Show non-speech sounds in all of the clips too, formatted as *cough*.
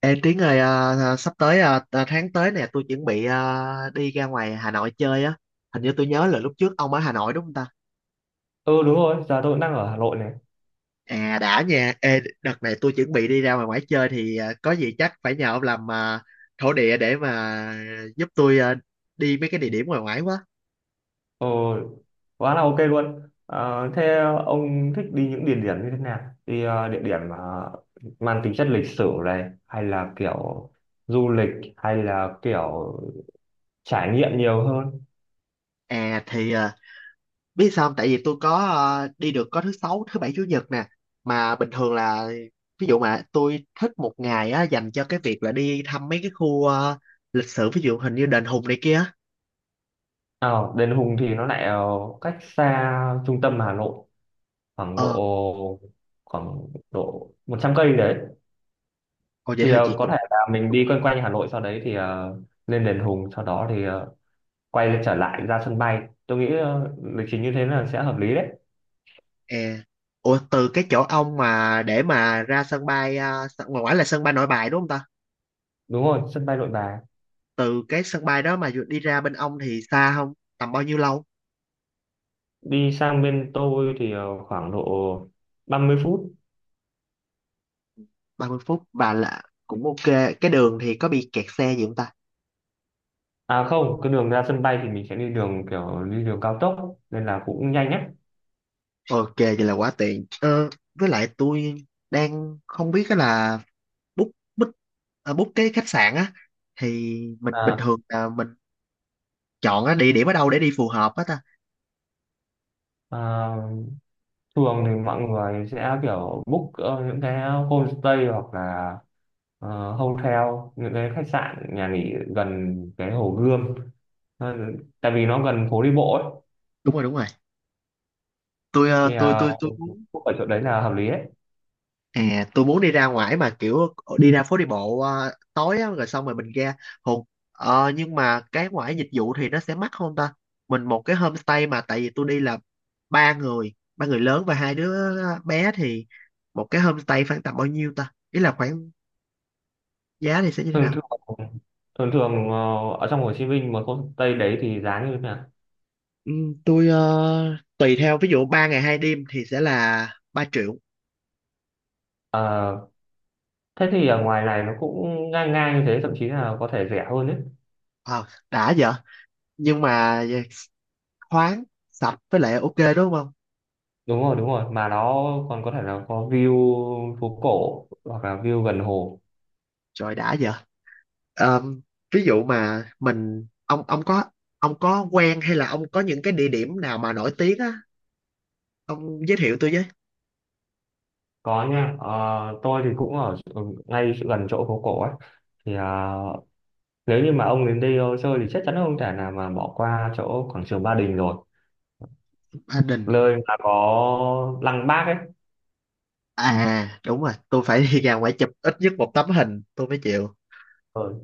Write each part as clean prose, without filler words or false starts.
Ê Tiến ơi, à, à, sắp tới à, à, tháng tới nè, tôi chuẩn bị à, đi ra ngoài Hà Nội chơi á. Hình như tôi nhớ là lúc trước ông ở Hà Nội đúng không ta? Ừ đúng rồi, giờ tôi cũng đang ở Hà Nội này. À đã nha. Ê, đợt này tôi chuẩn bị đi ra ngoài ngoài chơi thì à, có gì chắc phải nhờ ông làm à, thổ địa để mà giúp tôi à, đi mấy cái địa điểm ngoài ngoài quá. Ừ, quá là ok luôn. Ờ, Thế ông thích đi những địa điểm như thế nào? Đi địa điểm mà mang tính chất lịch sử này hay là kiểu du lịch hay là kiểu trải nghiệm nhiều hơn? À thì à, biết sao không? Tại vì tôi có ờ, đi được có thứ sáu thứ bảy chủ nhật nè, mà bình thường là ví dụ mà tôi thích một ngày á dành cho cái việc là đi thăm mấy cái khu ờ, lịch sử, ví dụ hình như đền Hùng này kia. Ờ, Đền Hùng thì nó lại cách xa trung tâm Hà Nội khoảng Ờ, độ khoảng độ 100 cây đấy. ồ vậy Thì thôi chị có cũng. thể là mình đi quanh quanh Hà Nội sau đấy thì lên Đền Hùng sau đó thì quay trở lại ra sân bay tôi nghĩ lịch trình như thế là sẽ hợp lý đấy. E, ủa từ cái chỗ ông mà để mà ra sân bay ờ, ngoài ngoài là sân bay Nội Bài đúng không ta? Đúng rồi, sân bay Nội Bài. Từ cái sân bay đó mà đi ra bên ông thì xa không, tầm bao nhiêu lâu? Đi sang bên tôi thì khoảng độ 30 phút. 30 phút bà, là cũng ok. Cái đường thì có bị kẹt xe gì không ta? À không, cái đường ra sân bay thì mình sẽ đi đường kiểu đi đường cao tốc nên là cũng nhanh ấy. Ok, vậy là quá tiện. Ờ, với lại tôi đang không biết á là book book à, book cái khách sạn á thì mình bình À, thường là mình chọn á, địa điểm ở đâu để đi phù hợp á ta. à, thường thì mọi người sẽ kiểu book những cái homestay hoặc là hotel, những cái khách sạn nhà nghỉ gần cái Hồ Gươm. Ờ, tại vì nó gần phố đi bộ ấy, Đúng rồi, đúng rồi. Tôi thì ờ, tôi tôi tôi muốn. book ở chỗ đấy là hợp lý đấy. À, tôi muốn đi ra ngoài mà kiểu đi ra phố đi bộ ờ, tối á, rồi xong rồi mình ra Hùng. Ờ, nhưng mà cái ngoài dịch vụ thì nó sẽ mắc không ta? Mình một cái homestay mà tại vì tôi đi là ba người lớn và hai đứa bé thì một cái homestay khoảng tầm bao nhiêu ta, ý là khoảng giá thì sẽ như thế thường nào? thường thường thường ở trong Hồ Chí Minh mà không Tây đấy thì giá như thế nào? Ừ, tôi ờ, tùy theo ví dụ 3 ngày 2 đêm thì sẽ là 3 triệu. Ờ, thế thì ở ngoài này nó cũng ngang ngang như thế, thậm chí là có thể rẻ hơn đấy. Ờ, đã vậy, nhưng mà khoáng sạch với lại ok đúng không? Đúng rồi, đúng rồi, mà nó còn có thể là có view phố cổ hoặc là view gần hồ. Trời đã vậy. Ờm, Ví dụ mà mình ông có quen hay là ông có những cái địa điểm nào mà nổi tiếng á ông giới thiệu tôi với. Có nha. Ờ, tôi thì cũng ở ngay gần chỗ phố cổ ấy, thì nếu như mà ông đến đây chơi thì chắc chắn là không thể nào mà bỏ qua chỗ quảng trường Ba Đình rồi, Ba Đình. nơi mà có lăng Bác ấy. À đúng rồi, tôi phải đi ra ngoài chụp ít nhất một tấm hình tôi mới chịu. Ờ,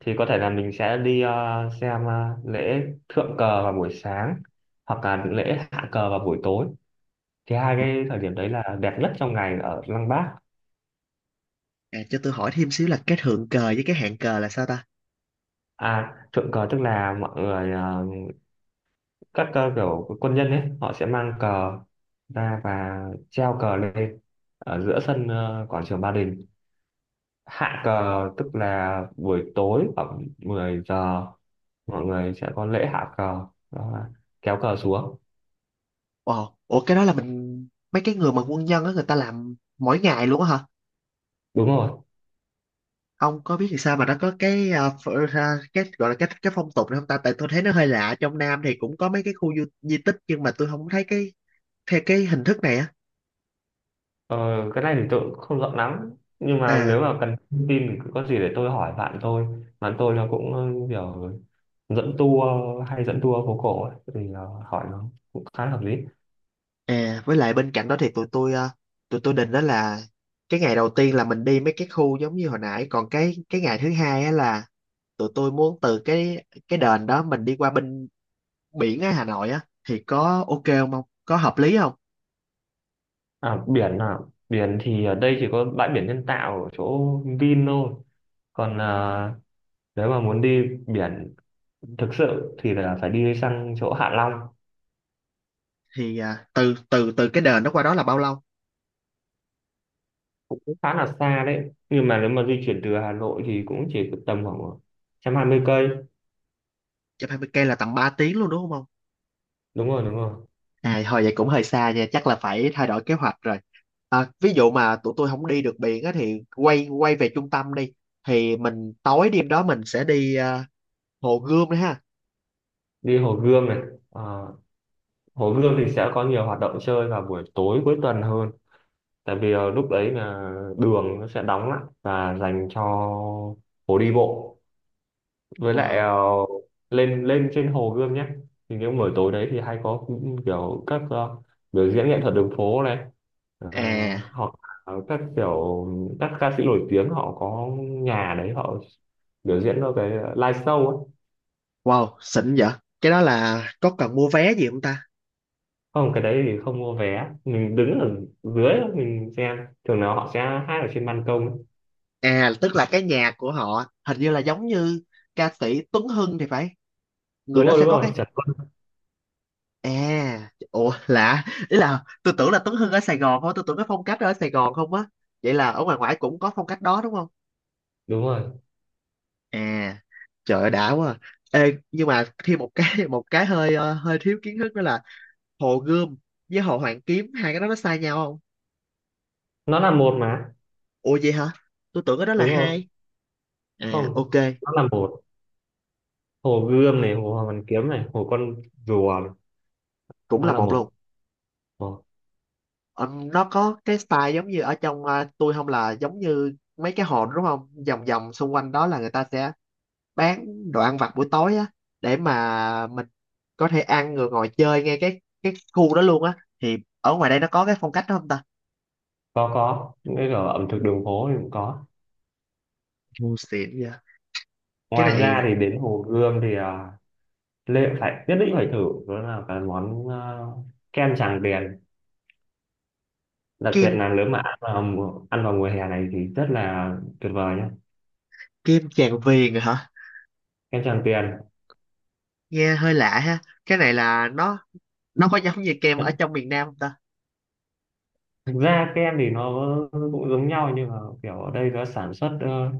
thì có thể là mình sẽ đi xem lễ thượng cờ vào buổi sáng hoặc là lễ hạ cờ vào buổi tối, thì hai cái thời điểm đấy là đẹp nhất trong ngày ở Lăng Bác. À, cho tôi hỏi thêm xíu là cái thượng cờ với cái hạn cờ là sao ta? À, thượng cờ tức là mọi người các kiểu quân nhân ấy họ sẽ mang cờ ra và treo cờ lên ở giữa sân quảng trường Ba Đình. Hạ cờ tức là buổi tối khoảng 10 giờ mọi người sẽ có lễ hạ cờ, đó là kéo cờ xuống. Ồ, ủa cái đó là mình mấy cái người mà quân nhân á người ta làm mỗi ngày luôn á hả? Đúng rồi. Ông có biết thì sao mà nó có cái à, cái gọi là cái phong tục này không ta? Tại tôi thấy nó hơi lạ, trong Nam thì cũng có mấy cái khu di tích nhưng mà tôi không thấy cái theo cái hình thức này á. Ờ, cái này thì tôi cũng không rõ lắm, nhưng mà nếu À. mà cần thông tin thì cứ có gì để tôi hỏi bạn tôi. Bạn tôi là cũng kiểu dẫn tour, hay dẫn tour phố cổ ấy, thì là hỏi nó cũng khá hợp lý. À, với lại bên cạnh đó thì tụi tôi định đó là cái ngày đầu tiên là mình đi mấy cái khu giống như hồi nãy, còn cái ngày thứ hai á là tụi tôi muốn từ cái đền đó mình đi qua bên biển á Hà Nội á thì có ok không không? Có hợp lý không? À biển à? Biển thì ở đây chỉ có bãi biển nhân tạo ở chỗ Vin thôi, còn nếu mà muốn đi biển thực sự thì là phải đi sang chỗ Hạ Long. Thì à, từ từ từ cái đền đó qua đó là bao lâu? Một Cũng khá là xa đấy, nhưng mà nếu mà di chuyển từ Hà Nội thì cũng chỉ tầm khoảng 120 cây. 120 cây là tầm 3 tiếng luôn đúng không? Đúng rồi, đúng rồi. À, thôi vậy cũng hơi xa nha, chắc là phải thay đổi kế hoạch rồi. À, ví dụ mà tụi tôi không đi được biển á thì quay quay về trung tâm đi. Thì mình tối đêm đó mình sẽ đi à, Hồ Gươm đấy ha. Đi Hồ Gươm này. Ờ, Hồ Gươm thì sẽ có nhiều hoạt động chơi vào buổi tối cuối tuần hơn, tại vì lúc đấy là đường nó sẽ đóng lại và dành cho phố đi bộ. Với lại Wow. Lên lên trên Hồ Gươm nhé, thì những buổi tối đấy thì hay có kiểu các biểu diễn nghệ thuật đường phố này, ờ, À, hoặc là các kiểu các ca sĩ nổi tiếng họ có nhà đấy họ biểu diễn cho cái live show ấy. wow, xịn vậy. Cái đó là có cần mua vé gì không ta? Không, cái đấy thì không mua vé, mình đứng ở dưới mình xem, thường nào họ sẽ hát ở trên ban công ấy. À, tức là cái nhà của họ hình như là giống như ca sĩ Tuấn Hưng thì phải. Người Đúng đó rồi, sẽ đúng có rồi, cái. Trần Tuấn. À, ủa lạ, ý là tôi tưởng là Tuấn Hưng ở Sài Gòn thôi, tôi tưởng cái phong cách đó ở Sài Gòn không á. Vậy là ở ngoài ngoại cũng có phong cách đó đúng không? Đúng rồi, À, trời ơi đã quá à. Ê, nhưng mà thêm một cái *laughs* một cái hơi ờ, hơi thiếu kiến thức đó là Hồ Gươm với Hồ Hoàn Kiếm, hai cái đó nó sai nhau không? nó là một mà. Ủa vậy hả, tôi tưởng cái đó là Đúng rồi. hai. À Không, ok, nó là một. Hồ Gươm này, Hồ Hoàn Kiếm này, Hồ Con Rùa này. cũng Nó là là một luôn. một. Ồ, Ờ, nó có cái style giống như ở trong ờ, tôi không, là giống như mấy cái hồ đó đúng không, vòng vòng xung quanh đó là người ta sẽ bán đồ ăn vặt buổi tối á để mà mình có thể ăn rồi ngồi chơi ngay cái khu đó luôn á thì ở ngoài đây nó có cái phong cách đó không ta? có những cái ở ẩm thực đường phố thì cũng có. Ngu xịn vậy. Cái Ngoài này. ra thì đến Hồ Gươm thì Lê phải nhất định phải thử, đó là cái món kem Tràng Tiền, đặc biệt Kem. là nếu mà ăn vào mùa hè này thì rất là tuyệt vời nhé. Kem Tràng Viền rồi hả? Kem Tràng Tiền. Nghe hơi lạ ha. Cái này là nó có giống như kem ở trong miền Nam không ta? Thực ra kem thì nó cũng giống nhau, nhưng mà kiểu ở đây nó sản xuất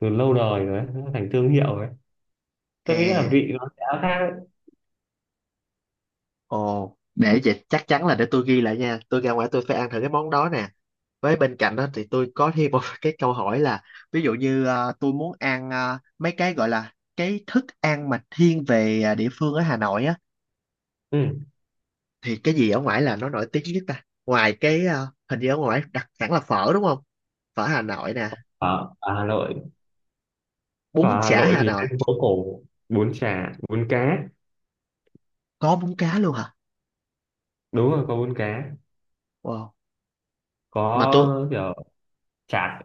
từ lâu đời rồi ấy, nó thành thương hiệu ấy, tôi nghĩ là À, vị nó sẽ khác ấy. ồ để vậy chắc chắn là để tôi ghi lại nha, tôi ra ngoài tôi phải ăn thử cái món đó nè. Với bên cạnh đó thì tôi có thêm một *laughs* cái câu hỏi là ví dụ như ờ, tôi muốn ăn ờ, mấy cái gọi là cái thức ăn mà thiên về ờ, địa phương ở Hà Nội á Ừ. thì cái gì ở ngoài là nó nổi tiếng nhất ta, ngoài cái ờ, hình như ở ngoài đặc sản là phở đúng không? Phở Hà Nội nè. Ở Hà Nội. Bún Ở Hà chả Nội Hà thì Nội. lên phố cổ, bún chả, bún cá. Có bún cá luôn hả? Đúng rồi, có bún cá. Wow. Mà tôi. Có kiểu chả,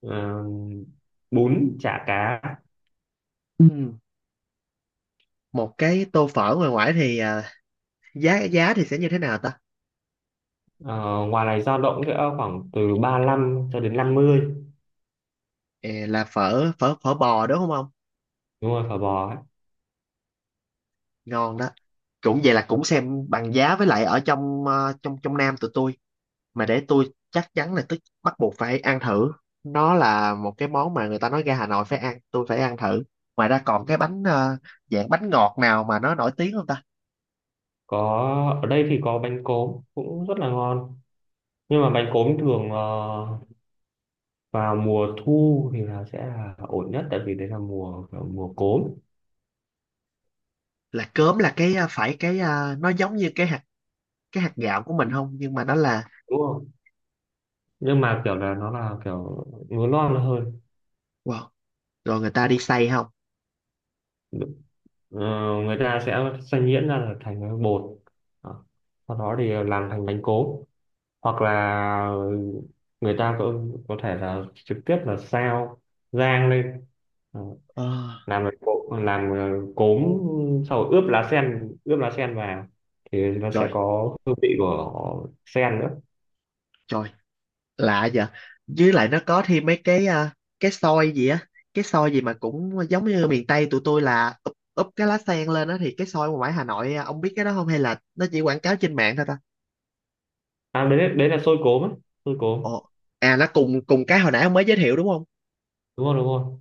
ờ, bún chả cá. Ừm, một cái tô phở ngoài ngoại thì à, giá giá thì sẽ như thế nào ta? Ờ, ngoài này dao động sẽ khoảng từ 35 cho đến 50. Ờ, là phở phở phở bò đúng không ông? Đúng rồi, phở bò ấy. Ngon đó. Cũng vậy, là cũng xem bằng giá với lại ở trong ờ, trong trong Nam tụi tôi. Mà để tôi chắc chắn là tôi bắt buộc phải ăn thử, nó là một cái món mà người ta nói ra Hà Nội phải ăn tôi phải ăn thử. Ngoài ra còn cái bánh ờ, dạng bánh ngọt nào mà nó nổi tiếng không ta? Có, ở đây thì có bánh cốm cũng rất là ngon, nhưng mà bánh cốm thường vào mùa thu thì là sẽ là ổn nhất, tại vì đấy là mùa kiểu mùa cốm. Là cớm là cái ờ, phải cái ờ, nó giống như cái hạt, cái hạt gạo của mình không nhưng mà nó là. Đúng không? Nhưng mà kiểu là nó là kiểu lúa non hơn. Wow. Rồi người ta đi xay không? Ờ, người ta sẽ xay nhuyễn ra là thành cái bột. Đó. Sau đó thì làm thành bánh cốm, hoặc là người ta có thể là trực tiếp là xào rang lên. Đó. Ờ, Làm bánh cốm, làm cốm, sau ướp lá sen, ướp lá sen vào thì nó sẽ trời, có hương vị của sen nữa. trời, lạ vậy. Với lại nó có thêm mấy cái à, cái xôi gì á, cái xôi gì mà cũng giống như miền Tây tụi tôi là úp cái lá sen lên á thì cái xôi ngoài ngoài Hà Nội à, ông biết cái đó không hay là nó chỉ quảng cáo trên mạng thôi ta? À, đấy đấy là xôi cốm ấy, xôi cốm. Ồ. À nó cùng cùng cái hồi nãy ông mới giới thiệu đúng không? Đúng rồi, đúng rồi,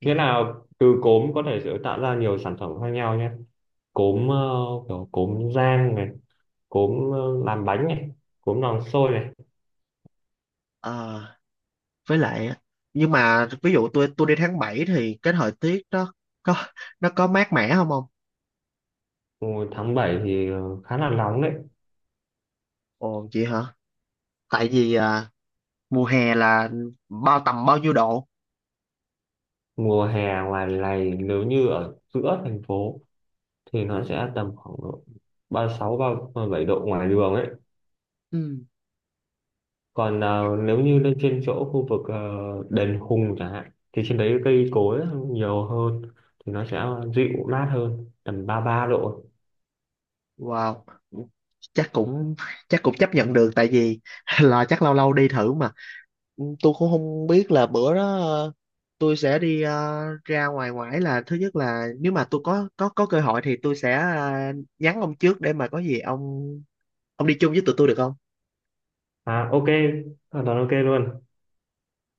Ừ. nghĩa là từ cốm có thể sẽ tạo ra nhiều sản phẩm khác nhau nhé. Cốm kiểu cốm rang này, cốm làm bánh này, cốm làm xôi này. Ờ, với lại á, nhưng mà ví dụ tôi đi tháng 7 thì cái thời tiết đó có nó có mát mẻ không ông? Mùa tháng 7 thì khá là nóng đấy. Ồ vậy hả, tại vì à, mùa hè là tầm bao nhiêu độ? Mùa hè ngoài này nếu như ở giữa thành phố thì nó sẽ tầm khoảng độ 36 bảy độ ngoài đường ấy. Ừ. Còn nếu như lên trên chỗ khu vực đền Hùng chẳng hạn thì trên đấy cây cối nhiều hơn, thì nó sẽ dịu mát hơn, tầm 33 độ. Wow, chắc cũng chắc cũng chấp nhận được, tại vì *laughs* là chắc lâu lâu đi thử mà. Ừ, tôi cũng không biết là bữa đó ờ, tôi sẽ đi ờ, ra ngoài ngoải là thứ nhất là nếu mà tôi có cơ hội thì tôi sẽ ờ, nhắn ông trước để mà có gì ông đi chung với tụi tôi được không? À ok, hoàn toàn ok luôn.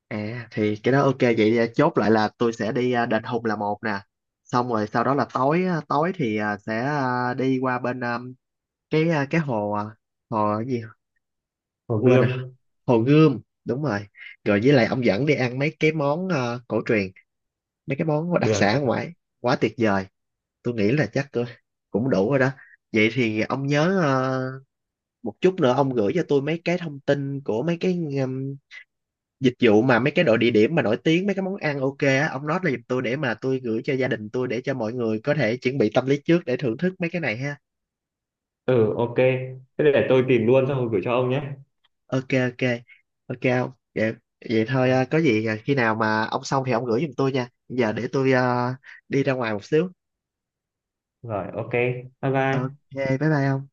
À thì cái đó ok, vậy thì chốt lại là tôi sẽ đi ờ, Đền Hùng là một nè. Xong rồi sau đó là tối á, tối thì ờ, sẽ ờ, đi qua bên ờ, cái hồ ờ, hồ cái gì Hồ quên rồi, Gươm. Hồ Gươm đúng rồi. Rồi với lại ông dẫn đi ăn mấy cái món ờ, cổ truyền, mấy cái món đặc Được. sản ở ngoài. Quá tuyệt vời. Tôi nghĩ là chắc tôi cũng đủ rồi đó. Vậy thì ông nhớ ờ, một chút nữa ông gửi cho tôi mấy cái thông tin của mấy cái dịch vụ mà mấy cái đội địa điểm mà nổi tiếng, mấy cái món ăn ok á ông nói là giùm tôi để mà tôi gửi cho gia đình tôi để cho mọi người có thể chuẩn bị tâm lý trước để thưởng thức mấy cái này ha. Ừ ok, thế để tôi tìm luôn xong rồi gửi cho ông nhé. Ok ok. Ok không. Vậy, vậy thôi Ờ, à, có gì à, khi nào mà ông xong thì ông gửi giùm tôi nha, giờ để tôi à, đi ra ngoài một xíu. rồi ok, bye Ok, bye. bye bye ông.